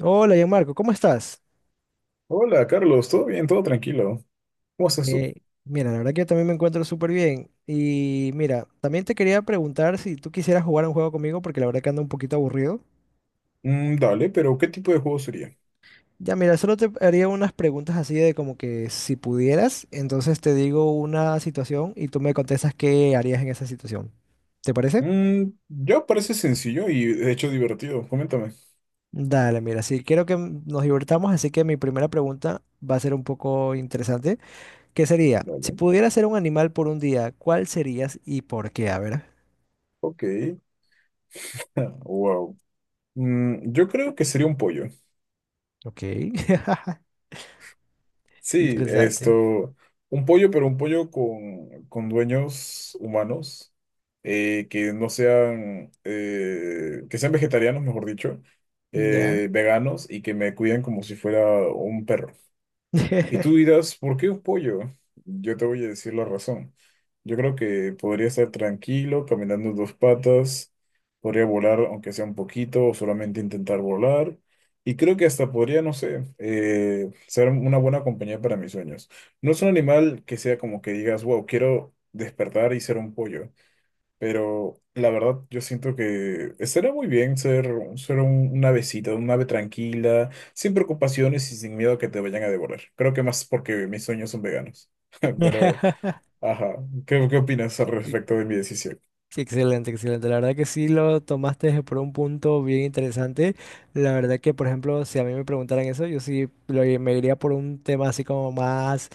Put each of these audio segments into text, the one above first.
Hola, Gianmarco, ¿cómo estás? Hola, Carlos, ¿todo bien? ¿Todo tranquilo? ¿Cómo estás tú? Eh, Mira, la verdad que yo también me encuentro súper bien. Y mira, también te quería preguntar si tú quisieras jugar un juego conmigo, porque la verdad que ando un poquito aburrido. Mm, dale, pero ¿qué tipo de juego sería? Ya, mira, solo te haría unas preguntas así de como que si pudieras, entonces te digo una situación y tú me contestas qué harías en esa situación. ¿Te parece? Mm, ya parece sencillo y de hecho divertido. Coméntame. Dale, mira, sí, quiero que nos divertamos, así que mi primera pregunta va a ser un poco interesante, que sería, si Dale. pudieras ser un animal por un día, ¿cuál serías y por qué? A ver. Ok. Wow. Yo creo que sería un pollo. Ok. Sí, Interesante. esto. Un pollo, pero un pollo con dueños humanos. Que no sean. Que sean vegetarianos, mejor dicho. Ya. Veganos y que me cuiden como si fuera un perro. Y tú dirás, ¿por qué un pollo? Yo te voy a decir la razón. Yo creo que podría estar tranquilo, caminando en dos patas, podría volar aunque sea un poquito o solamente intentar volar. Y creo que hasta podría, no sé, ser una buena compañía para mis sueños. No es un animal que sea como que digas, wow, quiero despertar y ser un pollo. Pero la verdad, yo siento que estaría muy bien ser, una avecita, un ave tranquila, sin preocupaciones y sin miedo a que te vayan a devorar. Creo que más porque mis sueños son veganos. Pero, ajá, ¿qué opinas al Ex- respecto de mi decisión? Excelente, excelente. La verdad que sí lo tomaste por un punto bien interesante. La verdad que, por ejemplo, si a mí me preguntaran eso, yo sí me iría por un tema así como más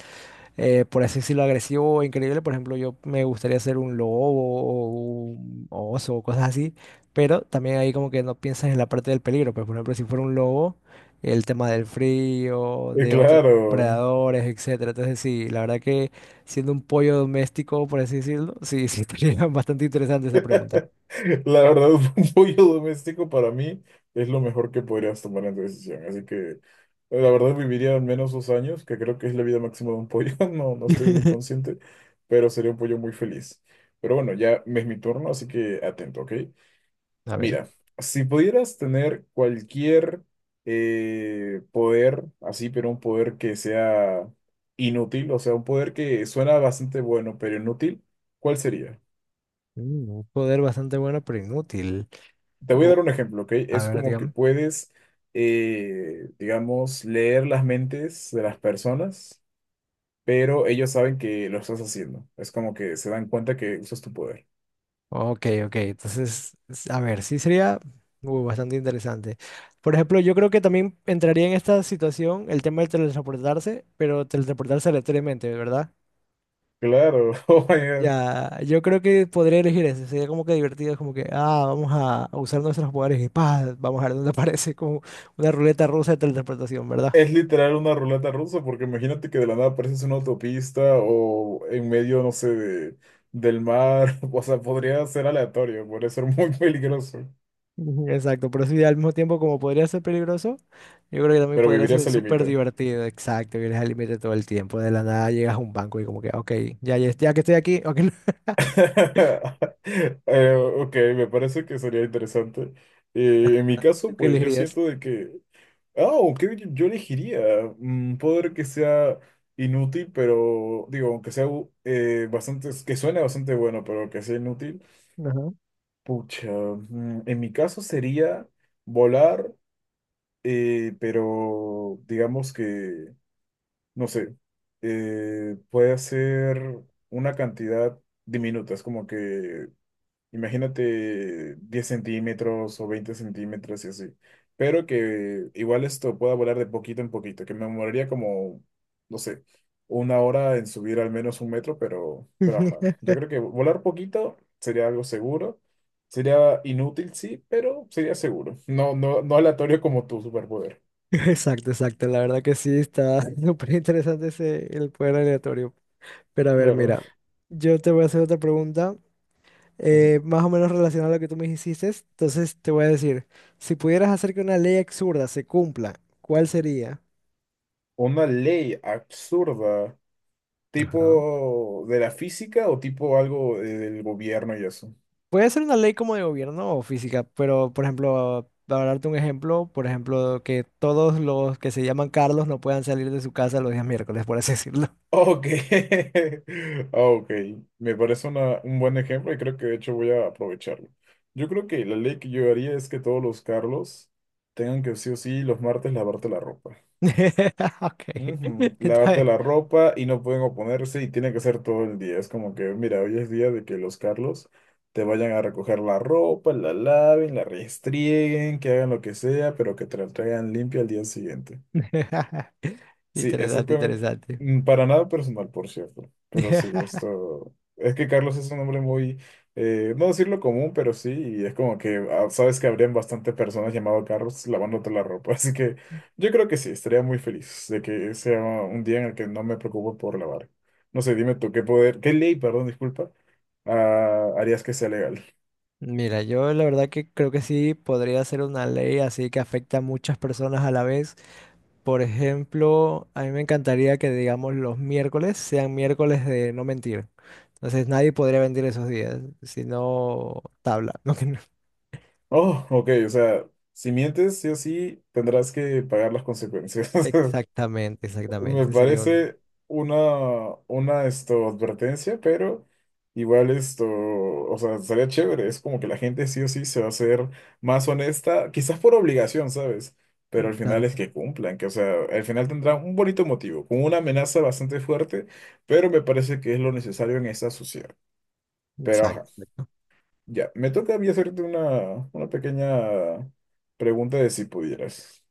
por así decirlo, agresivo o increíble. Por ejemplo, yo me gustaría ser un lobo o un oso o cosas así, pero también ahí como que no piensas en la parte del peligro. Pues, por ejemplo, si fuera un lobo, el tema del frío, de otros Claro. predadores, etcétera. Entonces, sí, la verdad que siendo un pollo doméstico, por así decirlo, sí, sí, estaría bastante interesante esa pregunta. La verdad, un pollo doméstico para mí es lo mejor que podrías tomar en tu decisión. Así que la verdad viviría al menos 2 años, que creo que es la vida máxima de un pollo. No, no estoy muy consciente, pero sería un pollo muy feliz. Pero bueno, ya es mi turno, así que atento, ¿ok? A ver, Mira, si pudieras tener cualquier poder, así, pero un poder que sea inútil, o sea, un poder que suena bastante bueno, pero inútil, ¿cuál sería? Un poder bastante bueno, pero inútil. Te voy a O- dar un ejemplo, ¿ok? a Es ver, como que dígame. puedes, digamos, leer las mentes de las personas, pero ellos saben que lo estás haciendo. Es como que se dan cuenta que usas tu poder. Ok, ok. Entonces, a ver, sí sería bastante interesante. Por ejemplo, yo creo que también entraría en esta situación el tema de teletransportarse, pero teletransportarse aleatoriamente, ¿verdad? Claro, oh my God. Ya, yo creo que podría elegir ese. Sería como que divertido, es como que, ah, vamos a usar nuestros poderes y pa, vamos a ver dónde aparece como una ruleta rusa de teletransportación, ¿verdad? Es literal una ruleta rusa, porque imagínate que de la nada apareces en una autopista o en medio, no sé, del mar. O sea, podría ser aleatorio, podría ser muy peligroso, Ujú, exacto, pero sí, al mismo tiempo como podría ser peligroso, yo creo que también pero podría vivirías ser al súper límite. divertido, exacto, vienes al límite todo el tiempo, de la nada llegas a un banco y como que, ok, ya, ya, ya que estoy aquí, ok. Ok, me parece que sería interesante. En mi ¿Tú caso, qué pues yo elegirías? siento de que, ah, ok, yo elegiría un poder que sea inútil, pero digo, aunque sea bastante, que suene bastante bueno, pero que sea inútil. Ajá. Pucha, en mi caso sería volar, pero digamos que, no sé, puede ser una cantidad diminuta, es como que imagínate 10 centímetros o 20 centímetros y así. Pero que igual esto pueda volar de poquito en poquito, que me demoraría como, no sé, 1 hora en subir al menos 1 metro, pero ajá. Yo creo que volar poquito sería algo seguro. Sería inútil, sí, pero sería seguro. No, no, no aleatorio como tu superpoder. Exacto, exacto, la verdad que sí, está súper interesante ese, el poder aleatorio. Pero a ver, Claro. mira, yo te voy a hacer otra pregunta, Ujú. Más o menos relacionada a lo que tú me hiciste, entonces te voy a decir, si pudieras hacer que una ley absurda se cumpla, ¿cuál sería? Una ley absurda, Ajá. tipo de la física o tipo algo del gobierno y eso. Puede ser una ley como de gobierno o física, pero por ejemplo, para darte un ejemplo, por ejemplo, que todos los que se llaman Carlos no puedan salir de su casa los días miércoles, por así decirlo. Ok, ok, me parece un buen ejemplo y creo que de hecho voy a aprovecharlo. Yo creo que la ley que yo haría es que todos los Carlos tengan que sí o sí los martes lavarte la ropa. Ok. Ujú, Está lavarte bien. la ropa y no pueden oponerse y tiene que ser todo el día. Es como que, mira, hoy es día de que los Carlos te vayan a recoger la ropa, la laven, la restrieguen, que hagan lo que sea, pero que te la traigan limpia al día siguiente. Sí, Interesante, exactamente. interesante. Para nada personal, por cierto. Pero sí, esto. Es que Carlos es un hombre muy. No decirlo común, pero sí. Y es como que ah, sabes que habrían bastantes personas llamado Carlos lavándote la ropa. Así que yo creo que sí, estaría muy feliz de que sea un día en el que no me preocupo por lavar. No sé, dime tú, ¿qué poder, qué ley, perdón, disculpa, ah, harías que sea legal? Mira, yo la verdad que creo que sí podría ser una ley así que afecta a muchas personas a la vez. Por ejemplo, a mí me encantaría que, digamos, los miércoles sean miércoles de no mentir. Entonces nadie podría mentir esos días, sino tabla. ¿No? Que no- Oh, ok, o sea, si mientes, sí o sí, tendrás que pagar las consecuencias. Exactamente, Me exactamente. Sería un... parece una esto, advertencia, pero igual esto, o sea, estaría chévere. Es como que la gente sí o sí se va a hacer más honesta, quizás por obligación, ¿sabes? Pero al final es Exacto, que cumplan, que o sea, al final tendrán un bonito motivo, con una amenaza bastante fuerte, pero me parece que es lo necesario en esta sociedad. Pero exacto, ajá, exacto. ya, me toca a mí hacerte una pequeña pregunta de si pudieras.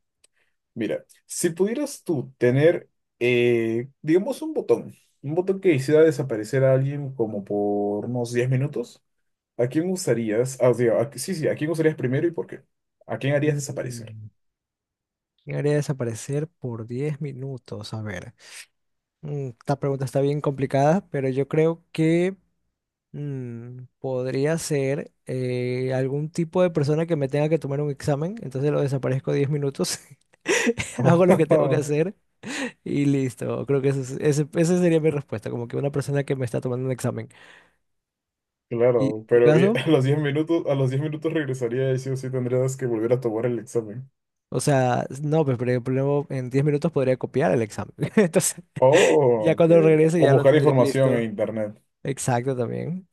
Mira, si pudieras tú tener, digamos, un botón que hiciera desaparecer a alguien como por unos 10 minutos, ¿a quién usarías? Ah, digo, sí, sí, ¿a quién usarías primero y por qué? ¿A quién harías desaparecer? Mm, ¿Quién haría desaparecer por 10 minutos? A ver. Esta pregunta está bien complicada, pero yo creo que podría ser algún tipo de persona que me tenga que tomar un examen, entonces lo desaparezco 10 minutos, hago lo que tengo que hacer y listo. Creo que ese, esa sería mi respuesta, como que una persona que me está tomando un examen. ¿Y en Claro, tu pero y caso? a los 10 minutos, a los 10 minutos regresaría y sí o sí tendrías que volver a tomar el examen. O sea, no, pues pero el problema en 10 minutos podría copiar el examen. Entonces, Oh, ya ok. cuando regrese O ya lo buscar tendría información en listo. internet. Exacto también.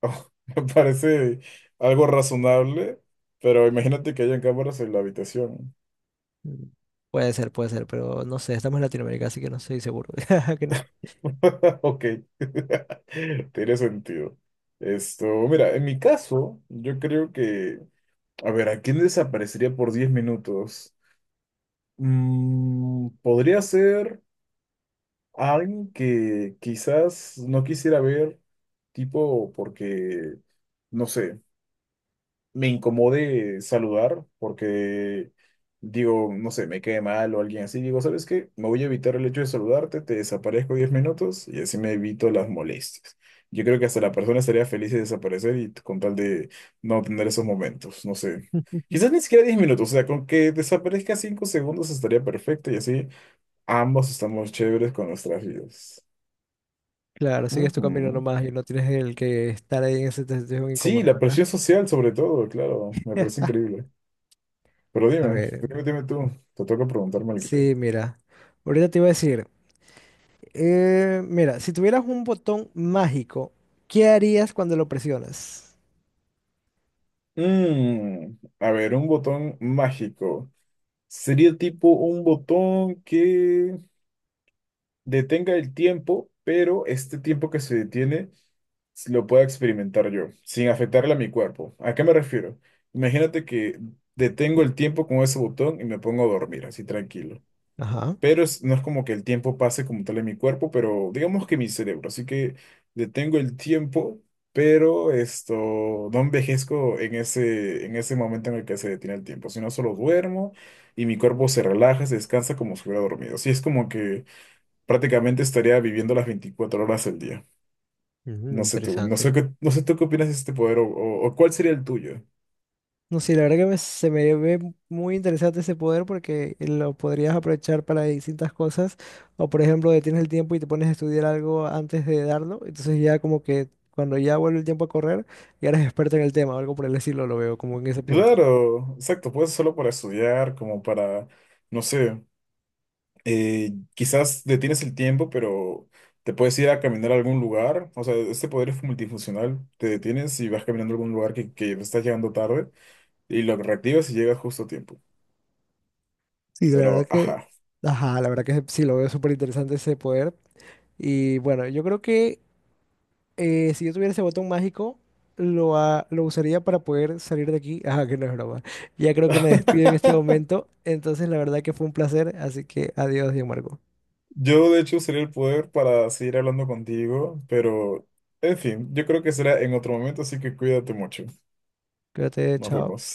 Oh, me parece algo razonable, pero imagínate que hayan cámaras en la habitación. Mm, puede ser, pero no sé, estamos en Latinoamérica, así que no estoy seguro. Que Ok, tiene sentido. Esto, mira, en mi caso, yo creo que, a ver, ¿a quién desaparecería por 10 minutos? Podría ser alguien que quizás no quisiera ver, tipo, porque, no sé, me incomode saludar porque digo, no sé, me quede mal o alguien así, digo, ¿sabes qué? Me voy a evitar el hecho de saludarte, te desaparezco 10 minutos y así me evito las molestias. Yo creo que hasta la persona estaría feliz de desaparecer y con tal de no tener esos momentos, no sé. no. Quizás ni siquiera 10 minutos, o sea, con que desaparezca 5 segundos estaría perfecto y así ambos estamos chéveres con nuestras vidas. Claro, sigues tu camino Ujú. nomás y no tienes el que estar ahí en esa situación Sí, incómoda, la ¿verdad? presión social sobre todo, claro, me parece increíble. Pero A dime, ver, dime, dime tú, te toca preguntarme algo. sí, mira. Ahorita te iba a decir, mira, si tuvieras un botón mágico, ¿qué harías cuando lo presionas? Mm, a ver, un botón mágico. Sería tipo un botón que detenga el tiempo, pero este tiempo que se detiene lo pueda experimentar yo, sin afectarle a mi cuerpo. ¿A qué me refiero? Imagínate que detengo el tiempo con ese botón y me pongo a dormir, así tranquilo. Ajá, Pero no es como que el tiempo pase como tal en mi cuerpo, pero digamos que mi cerebro, así que detengo el tiempo, pero esto, no envejezco en ese momento en el que se detiene el tiempo, sino solo duermo y mi cuerpo se relaja, se descansa como si hubiera dormido. Así es como que prácticamente estaría viviendo las 24 horas del día. ujú, No sé tú, no sé interesante. qué, no sé tú qué opinas de este poder o cuál sería el tuyo. No sé, la verdad que se me ve muy interesante ese poder porque lo podrías aprovechar para distintas cosas. O por ejemplo, detienes el tiempo y te pones a estudiar algo antes de darlo. Entonces ya como que cuando ya vuelve el tiempo a correr, ya eres experto en el tema o algo por el estilo, lo veo como en ese punto. Claro, exacto, puede ser solo para estudiar, como para, no sé, quizás detienes el tiempo, pero te puedes ir a caminar a algún lugar. O sea, este poder es multifuncional. Te detienes y vas caminando a algún lugar que estás llegando tarde y lo reactivas y llegas justo a tiempo. Sí, la verdad Pero, que, ajá. ajá, la verdad que sí, lo veo súper interesante ese poder. Y bueno, yo creo que si yo tuviera ese botón mágico, lo usaría para poder salir de aquí. Ah, que no es broma. Ya creo que me despido en este momento. Entonces, la verdad que fue un placer. Así que adiós, Diego Marco. Yo, de hecho, usaría el poder para seguir hablando contigo, pero, en fin, yo creo que será en otro momento, así que cuídate mucho. Cuídate, Nos chao. vemos.